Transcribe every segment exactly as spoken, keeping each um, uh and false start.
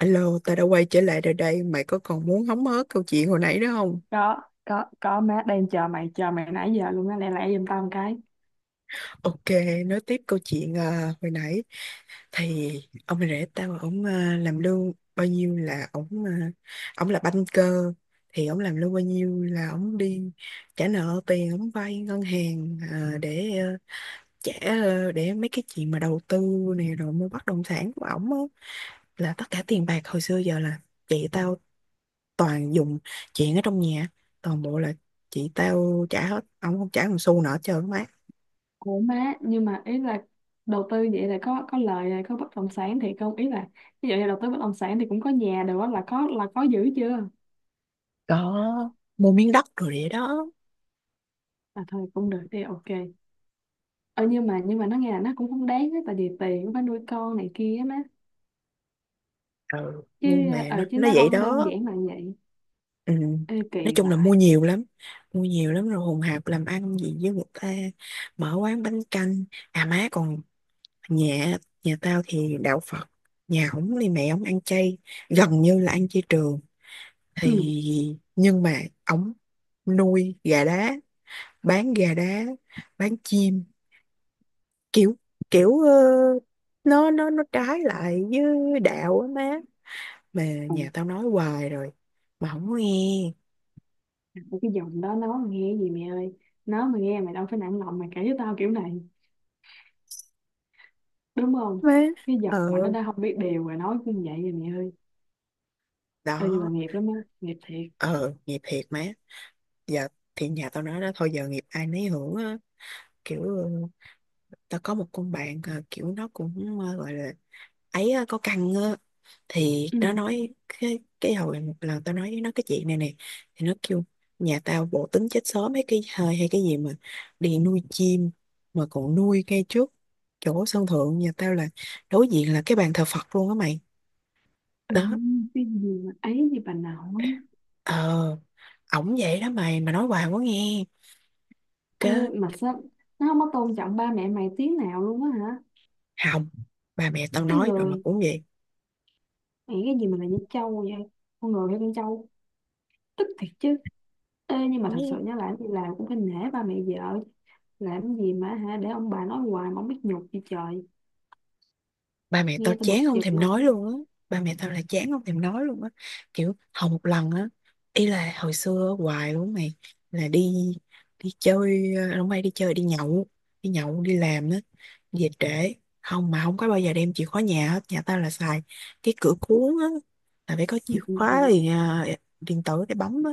Alo, tao đã quay trở lại rồi đây. Mày có còn muốn hóng hớt câu chuyện hồi nãy nữa không? có có có má đang chờ mày chờ mày nãy giờ luôn á, lẹ lẹ giùm tao một cái. Ok, nói tiếp câu chuyện à, hồi nãy. Thì ông rể tao, ông à, làm lương bao nhiêu là ông uh, ông là banker. Thì ông làm lương bao nhiêu là ông đi trả nợ tiền, ông vay ngân hàng à, để à, trả à, để mấy cái chuyện mà đầu tư này rồi mua bất động sản của ổng á, là tất cả tiền bạc hồi xưa giờ là chị tao toàn dùng chuyện ở trong nhà, toàn bộ là chị tao trả hết, ông không trả một xu nào hết trơn á má. Ủa má, nhưng mà ý là đầu tư vậy là có có lời rồi, có bất động sản thì không, ý là ví dụ như đầu tư bất động sản thì cũng có nhà đồ á, là có là có giữ chưa. Mua miếng đất rồi vậy đó. À thôi cũng được đi, ok. Ờ nhưng mà nhưng mà nó nghe là nó cũng không đáng á, tại vì tiền cũng phải nuôi con này kia á má. Ừ chứ nhưng mà nó ờ chứ nó nó vậy không đơn đó. giản là vậy. Ừ. Ê Nói kỳ chung là vậy. mua nhiều lắm, mua nhiều lắm, rồi hùng hạp làm ăn gì với người ta, mở quán bánh canh. À má còn nhà nhà tao thì đạo Phật, nhà ổng thì mẹ ổng ăn chay, gần như là ăn chay trường. Ừ. Thì nhưng mà ổng nuôi gà đá, bán gà đá, bán chim, kiểu kiểu ờ, nó nó nó trái lại với đạo á má, mà Ừ. nhà tao nói hoài rồi mà không có nghe Cái giọng đó nó mà nghe gì mẹ ơi, nó mà nghe mày đâu phải nặng lòng mà kể với tao kiểu này, đúng không. má. Cái Ờ giọng mà nó đã không biết điều rồi nói cũng vậy rồi mẹ ơi. Ê, nhưng mà đó. nghiệp lắm á, nghiệp thiệt. Ờ nghiệp thiệt má. Giờ thì nhà tao nói đó, thôi giờ nghiệp ai nấy hưởng á. Kiểu ờ, tao có một con bạn ờ, kiểu nó cũng ờ, gọi là ấy ờ, có căng á, thì Ừ. nó nói cái cái hồi một lần tao nói với nó cái chuyện này nè, thì nó kêu nhà tao bộ tính chết sớm mấy cái hơi hay cái gì mà đi nuôi chim, mà còn nuôi ngay trước chỗ sân thượng nhà tao là đối diện là cái bàn thờ Phật luôn á mày. Ừ, Đó. cái gì mà ấy gì bà nội. Ờ ổng vậy đó mày, mà nói hoài quá nghe. Ê, Cái mà sao nó không có tôn trọng ba mẹ mày tí nào luôn á hả. hồng bà mẹ tao Cái nói rồi mà người cũng vậy. mày cái gì mà là như trâu vậy, con người hay con trâu, tức thiệt chứ. Ê, nhưng mà thật sự nhớ lại thì làm cũng phải nể ba mẹ vợ, làm gì mà hả để ông bà nói hoài mà không biết nhục gì trời. Ba mẹ tao Nghe tao bực chán không dọc thèm nói luôn. luôn á. Ba mẹ tao là chán không thèm nói luôn á. Kiểu hầu một lần á, ý là hồi xưa hoài luôn mày, là đi, đi chơi ờ, không may đi chơi đi nhậu, đi nhậu đi làm á, về trễ, không mà không có bao giờ đem chìa khóa nhà hết. Nhà tao là xài cái cửa cuốn á, là phải có Ừ, chìa ừ, khóa ừ. thì à, điện tử để bấm á,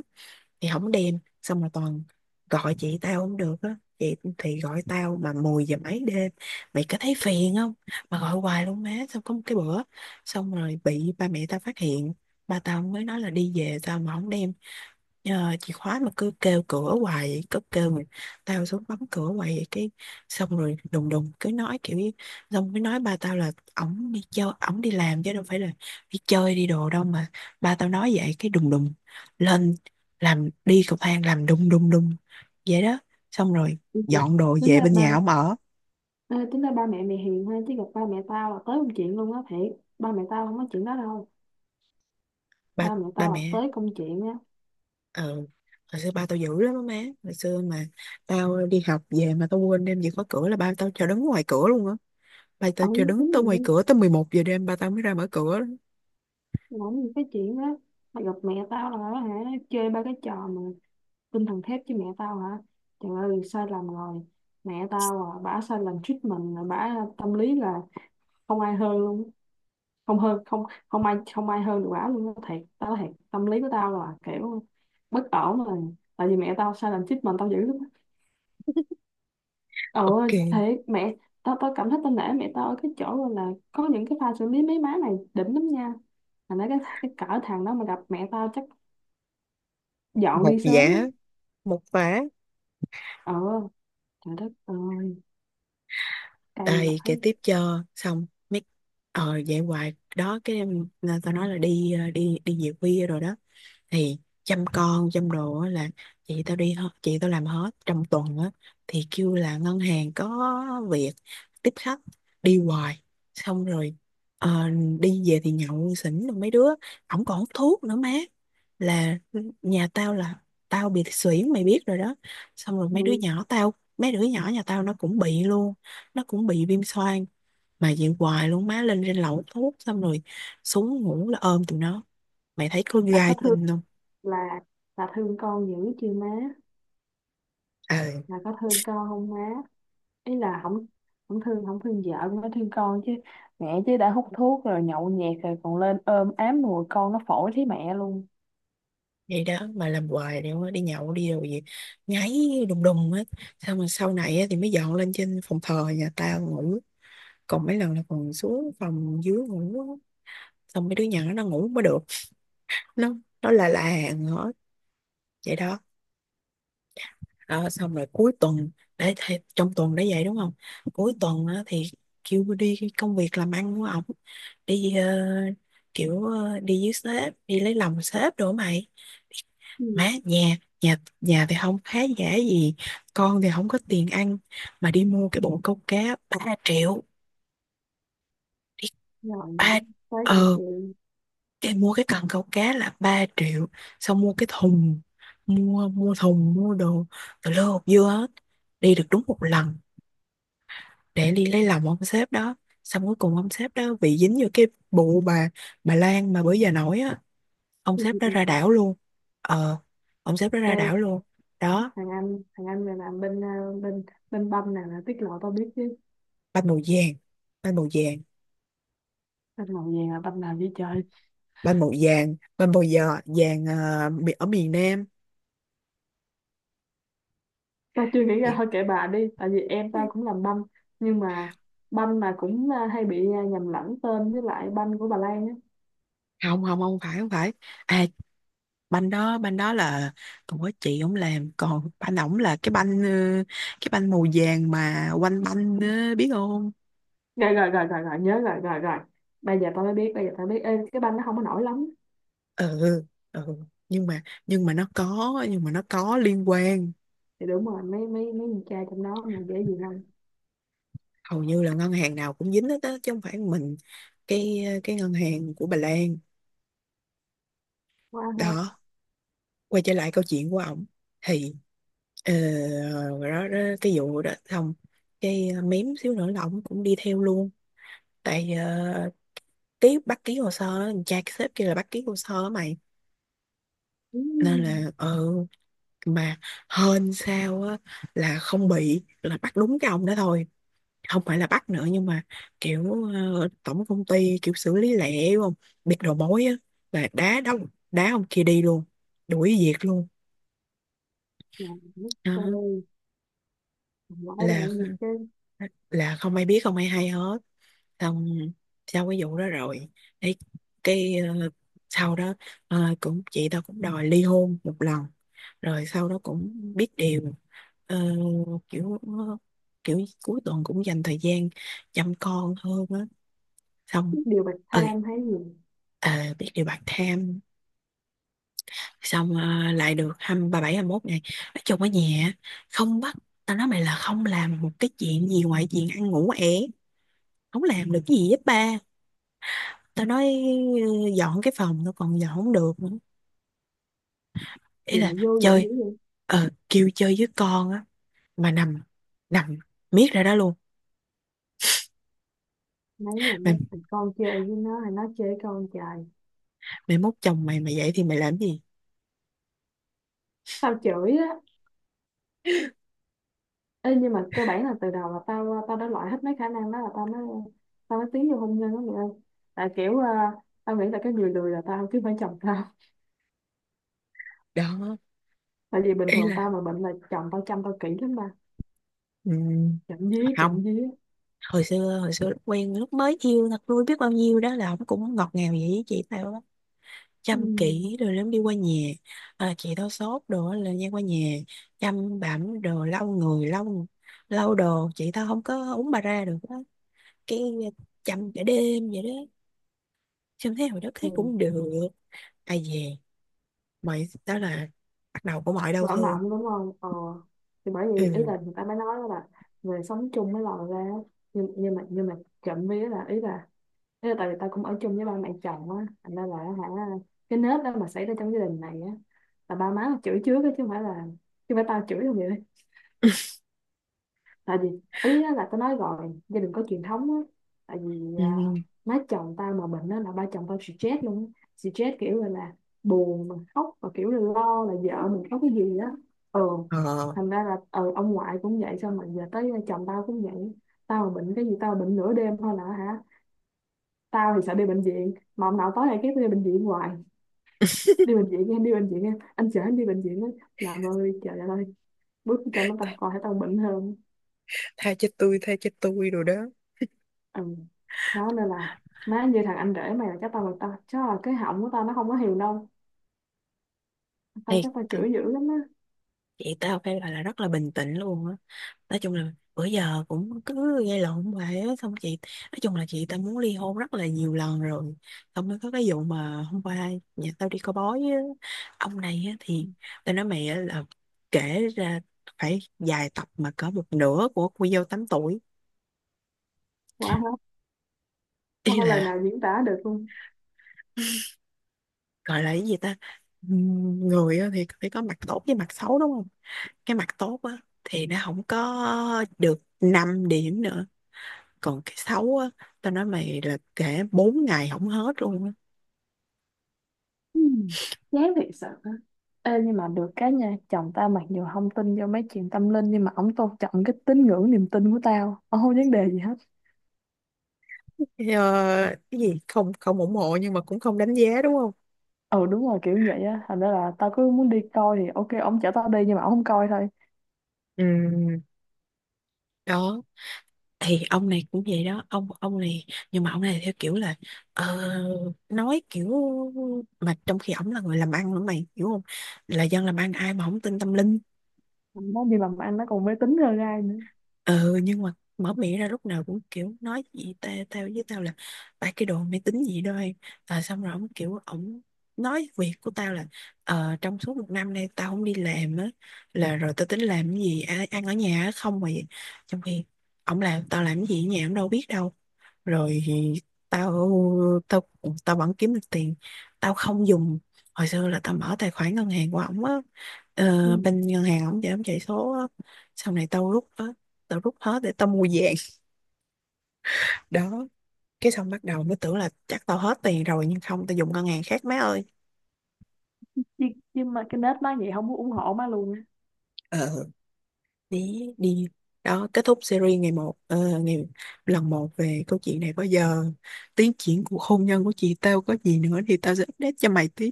thì không đem, xong rồi toàn gọi chị tao không được á, chị thì gọi tao mà mười giờ mấy đêm, mày có thấy phiền không, mà gọi hoài luôn má. Xong có một cái bữa xong rồi bị ba mẹ tao phát hiện, ba tao mới nói là đi về sao mà không đem Ờ, chìa khóa, mà cứ kêu cửa hoài vậy, cứ kêu mà tao xuống bấm cửa hoài vậy. Cái xong rồi đùng đùng cứ nói kiểu như- xong mới nói ba tao là ổng đi chơi ổng đi làm chứ đâu phải là đi chơi đi đồ đâu mà. Ba tao nói vậy cái đùng đùng lên, làm đi cầu thang làm đùng đùng đùng vậy đó. Xong rồi Ừ. dọn đồ Tính về ra bên ba nhà ổng ở. Ê, tính ra ba mẹ mày hiền ha, chứ gặp ba mẹ tao là tới công chuyện luôn á thiệt. Ba mẹ tao không có chuyện đó đâu, Ba ba mẹ ba tao là mẹ tới công chuyện á. ờ Hồi xưa ba tao dữ lắm á má, hồi xưa mà tao đi học về mà tao quên đem chìa khóa cửa là ba tao cho đứng ngoài cửa luôn á. Bà tao Ổng chờ đứng tính tới ngoài luôn cửa tới mười một giờ đêm ba tao mới ra mở cửa. ổng những cái chuyện đó, mà gặp mẹ tao là hả, chơi ba cái trò mà tinh thần thép với mẹ tao hả, trời ơi sai lầm rồi. Mẹ tao à, bả sai lầm treatment rồi, bả tâm lý là không ai hơn luôn. Không hơn không không ai không ai hơn được bả luôn á, thiệt tao nói thiệt, tâm lý của tao là kiểu bất ổn rồi, tại vì mẹ tao sai lầm treatment tao dữ lắm. Ồ, Ok, thế mẹ tao tao cảm thấy tao nể mẹ tao ở cái chỗ gọi là có những cái pha xử lý mấy má này đỉnh lắm nha, mà nói cái cái cỡ thằng đó mà gặp mẹ tao chắc dọn một đi sớm á. giả, một phá. Ờ, trời đất ơi, cay Đây, kể vãi. tiếp cho. Xong, mấy... Ờ, vậy hoài. Đó, cái em- nên tao nói là đi ờ, đi đi về khuya rồi đó. Thì chăm con chăm đồ á là chị tao đi hết, chị tao làm hết trong tuần á, thì kêu là ngân hàng có việc tiếp khách, đi hoài, xong rồi ờ, đi về thì nhậu xỉn rồi mấy đứa. Ổng còn hút thuốc nữa má, là nhà tao là tao bị xuyển mày biết rồi đó, xong rồi mấy đứa Ừ, nhỏ tao, mấy đứa nhỏ nhà tao nó cũng bị luôn, nó cũng bị viêm xoang. Mà vậy hoài luôn má, lên trên lầu hút thuốc xong rồi xuống ngủ là ôm tụi nó, mày thấy có là có gai thương, tinh không. là là thương con dữ chưa má, Ừ là có thương con không má, ý là không, không thương không thương vợ cũng phải thương con chứ, mẹ chứ đã hút thuốc rồi nhậu nhẹt rồi còn lên ôm ám mùi con, nó phổi thấy mẹ luôn. vậy đó mà làm hoài, thì không đi nhậu đi rồi gì ngáy đùng đùng hết. Xong rồi sau này á, thì mới dọn lên trên phòng thờ nhà tao ngủ, còn mấy lần là còn xuống phòng dưới ngủ á. Xong mấy đứa nhỏ nó ngủ mới được, nó nó là là hàng hết vậy đó. Ờ, xong rồi cuối tuần để thì, trong tuần đã vậy đúng không, cuối tuần á, thì kêu đi cái công việc làm ăn của ổng, đi ờ, kiểu ờ, đi với sếp, đi lấy lòng sếp đồ á mày. Ừ, Má nhà nhà nhà thì không khá giả gì, con thì không có tiền ăn, mà đi mua cái bộ câu cá ba triệu. Đi rồi ba tới ờ công cái mua cái cần câu cá là ba triệu, xong mua cái thùng, mua mua thùng mua đồ, từ lô hộp dưa hết, đi được đúng một lần để đi lấy lòng ông sếp đó. Xong cuối cùng ông sếp đó bị dính vô cái bụ bà bà Lan mà bữa giờ nổi á, ông sếp đó ra chuyện. đảo luôn. Ờ ông sếp đó Ê, ra đảo luôn. Đó thằng anh, thằng anh này làm bên ờ, bên bên banh nào là tiết lộ tao biết chứ. bánh màu vàng, bánh màu vàng. Banh màu vàng là banh nào vậy trời. Bánh màu vàng, bánh màu giờ vàng ờ, mi- ở miền Nam. Tao chưa nghĩ ra Kiểu, thôi kệ bà đi, tại vì em tao cũng làm banh, nhưng mà banh mà cũng ờ, hay bị ờ, nhầm lẫn tên với lại banh của bà Lan á. không không không phải, không phải. À banh đó, banh đó là còn có chị ổng làm, còn banh ổng là cái banh ờ, cái banh màu vàng mà quanh banh ờ, biết không. Rồi rồi rồi rồi rồi nhớ rồi rồi rồi. Bây giờ tao mới biết, bây giờ tao biết. Ê, cái banh nó không có nổi lắm. Ừ. Ừ nhưng mà nhưng mà nó có, nhưng mà nó có liên quan. Thì đúng rồi, mấy mấy mấy con trai trong đó mà dễ gì không. Hầu như là ngân hàng nào cũng dính hết á, chứ không phải mình cái cái ngân hàng của Bà Lan. Quá hợp. Đó, quay trở lại câu chuyện của ổng. Thì ờ, rồi đó, đó cái vụ đó xong, cái ờ, mém xíu nữa là ổng cũng đi theo luôn. Tại ờ, ký, bắt ký hồ sơ á, cha cái sếp kia là bắt ký hồ sơ á mày. Ừ. Nên là ừ, mà hên sao á là không bị, là bắt đúng cái ông đó thôi, không phải là bắt nữa. Nhưng mà kiểu ờ, tổng công ty kiểu xử lý lẹ đúng không, biết đầu mối á, là đá đóng đá ông kia đi luôn, đuổi việc luôn. Làm Đó trời, nói là đàn được cái là không ai biết, không ai hay hết. Xong sau cái vụ đó rồi cái, cái ờ, sau đó ờ, cũng chị tao cũng đòi ly hôn một lần, rồi sau đó cũng biết điều. Ờ, kiểu kiểu cuối tuần cũng dành thời gian chăm con hơn á, xong điều bạch ừ tham hay gì. ờ, biết điều bạc tham. Xong ờ, lại được hai ba bảy hai mốt ngày, nói chung ở nhà không bắt, tao nói mày là không làm một cái chuyện gì ngoài chuyện ăn ngủ ẻ, không làm được cái gì hết ba. Tao nói ừ, dọn cái phòng nó còn dọn không được nữa. Gì Ý mà là vô dụng dữ chơi vậy. ờ kêu chơi với con á, mà nằm nằm miết ra đó luôn Mấy là nó mày. thằng con chơi với nó hay nó chơi với con trời. Mày mốt chồng mày mày vậy thì mày làm gì. Tao chửi á. Ê, nhưng mà cơ bản là từ đầu là tao tao đã loại hết mấy khả năng đó là tao mới tao mới tiến vô hôn nhân đó mẹ ơi, tại kiểu ờ, tao nghĩ là cái người lười là tao chứ không phải chồng tao. Đó Tại vì bình ý thường tao là mà bệnh là chồng tao chăm tao kỹ lắm mà. ừm, chậm dí không, chậm dí hồi xưa hồi xưa lúc quen lúc mới yêu thật vui biết bao nhiêu đó, là ổng cũng ngọt ngào vậy với chị tao đó, Ừ. chăm kỹ rồi lắm, đi qua nhà à, chị tao sốt đồ á là nha, qua nhà chăm bảm đồ lau người, lau lau đồ, chị tao không có uống bà ra được á. Cái ờ, chăm cả đêm vậy đó, chăm thấy hồi đó thấy cũng Ừ. được. Ai về mày đó là bắt đầu của mọi đau Vỡ thương. mộng đúng không ờ, thì bởi vì ý Ừ là người ta mới nói là người sống chung mới lòi ra. Nhưng, nhưng mà nhưng mà trộm vía là ý là, thế là tại vì tao cũng ở chung với ba mẹ chồng á, thành ra là hả, cái nết đó mà xảy ra trong gia đình này á là ba má chửi trước á, chứ không phải là, chứ không phải tao chửi đâu vậy. Tại vì ý á là tao nói rồi, gia đình có truyền thống á, tại vì à, ừ má chồng tao mà bệnh á là ba chồng tao stress luôn á, stress kiểu là, là buồn mà khóc và kiểu là lo là vợ mình có cái gì á. Ờ, ờ thành ra là ờ, ông ngoại cũng vậy, xong rồi giờ tới chồng tao cũng vậy. Tao mà bệnh cái gì, tao bệnh nửa đêm thôi là hả, tao thì sợ đi bệnh viện mà ông nào tối nay kép đi bệnh viện hoài, đi bệnh viện em, đi bệnh viện em, anh chở em đi bệnh viện á, làm ơi trời đất ơi, bước chồng nó ta coi thấy tao bệnh hơn. tha cho tôi, tha cho tôi rồi đó. Ừ. Đó nên là, má như thằng anh rể mày là chắc tao, là tao chắc là cái họng của tao nó không có hiền đâu, tao Thiệt chắc tao ừ. chửi dữ lắm á. Chị tao phải gọi là rất là bình tĩnh luôn á. Nói chung là bữa giờ cũng cứ gây lộn hoài á. Xong chị, nói chung là chị tao muốn ly hôn rất là nhiều lần rồi. Xong mới có cái vụ mà hôm qua nhà tao đi coi bói á. Ông này á thì tao nói mày á là kể ra phải dài tập mà cỡ một nửa của cô dâu tám tuổi. Quả hết. Không Ý có lời là nào diễn tả được luôn. gọi là cái gì ta? Ừm, Người á thì phải có mặt tốt với mặt xấu đúng không? Cái mặt tốt á thì nó không có được năm điểm nữa, còn cái xấu á, tao nói mày là kể bốn ngày không hết luôn á. Ừ, chán thiệt sự á. Ê, nhưng mà được cái nha, chồng tao mặc dù không tin vô mấy chuyện tâm linh nhưng mà ổng tôn trọng cái tín ngưỡng niềm tin của tao, ổng không vấn đề gì hết. Ờ, cái gì không, không ủng hộ nhưng mà cũng không đánh giá đúng không. Ừ đúng rồi, kiểu vậy á, thành ra là tao cứ muốn đi coi thì ok, ổng chở tao đi, nhưng mà ổng không coi thôi. Ừ đó, thì ông này cũng vậy đó, ông ông này nhưng mà ông này theo kiểu là ờ, nói kiểu, mà trong khi ổng là người làm ăn nữa mày hiểu không, là dân làm ăn ai mà không tin tâm linh. Nó đi mà anh nó còn mê tín hơn ai nữa. Ừ nhưng mà mở miệng ra lúc nào cũng kiểu nói gì ta, tao với tao là ba cái đồ máy tính gì đó em. À, xong rồi ông kiểu ổng nói việc của tao là ờ, trong suốt một năm nay tao không đi làm á, là rồi tao tính làm cái gì ăn, ăn ở nhà á không mà vậy. Trong khi ổng làm tao làm cái gì ở nhà ổng đâu biết đâu. Rồi thì tao tao tao vẫn kiếm được tiền, tao không dùng, hồi xưa là tao mở tài khoản ngân hàng của ổng á, ờ, Ừ. bên ngân hàng ổng để ổng chạy số á. Sau này tao rút ờ, tao rút hết để tao mua vàng. Đó cái xong bắt đầu mới tưởng là chắc tao hết tiền rồi, nhưng không, tao dùng ngân hàng khác má ơi. nhưng, nhưng mà cái nết má vậy không muốn ủng hộ má luôn á. Ờ đi đi, đó kết thúc series ngày một ờ, ngày lần một về câu chuyện này. Bao giờ tiến triển cuộc hôn nhân của chị tao có gì nữa thì tao sẽ update cho mày tiếp.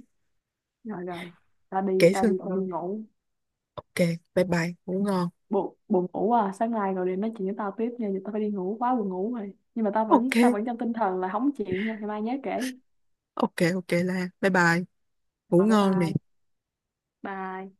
Rồi rồi, ta đi, Kể ta xưa. đi Ừ, đi. Ừ, ngủ. Ok bye bye ngủ ngon. Buồn, buồn ngủ à, sáng nay rồi để nói chuyện với tao tiếp nha, giờ tao phải đi ngủ, quá buồn ngủ rồi. Nhưng mà tao Ok vẫn tao vẫn trong tinh thần là hóng chuyện nha, ngày mai nhớ kể. ok ok là bye bye, ngủ Rồi bye ngon nè. bye. Bye.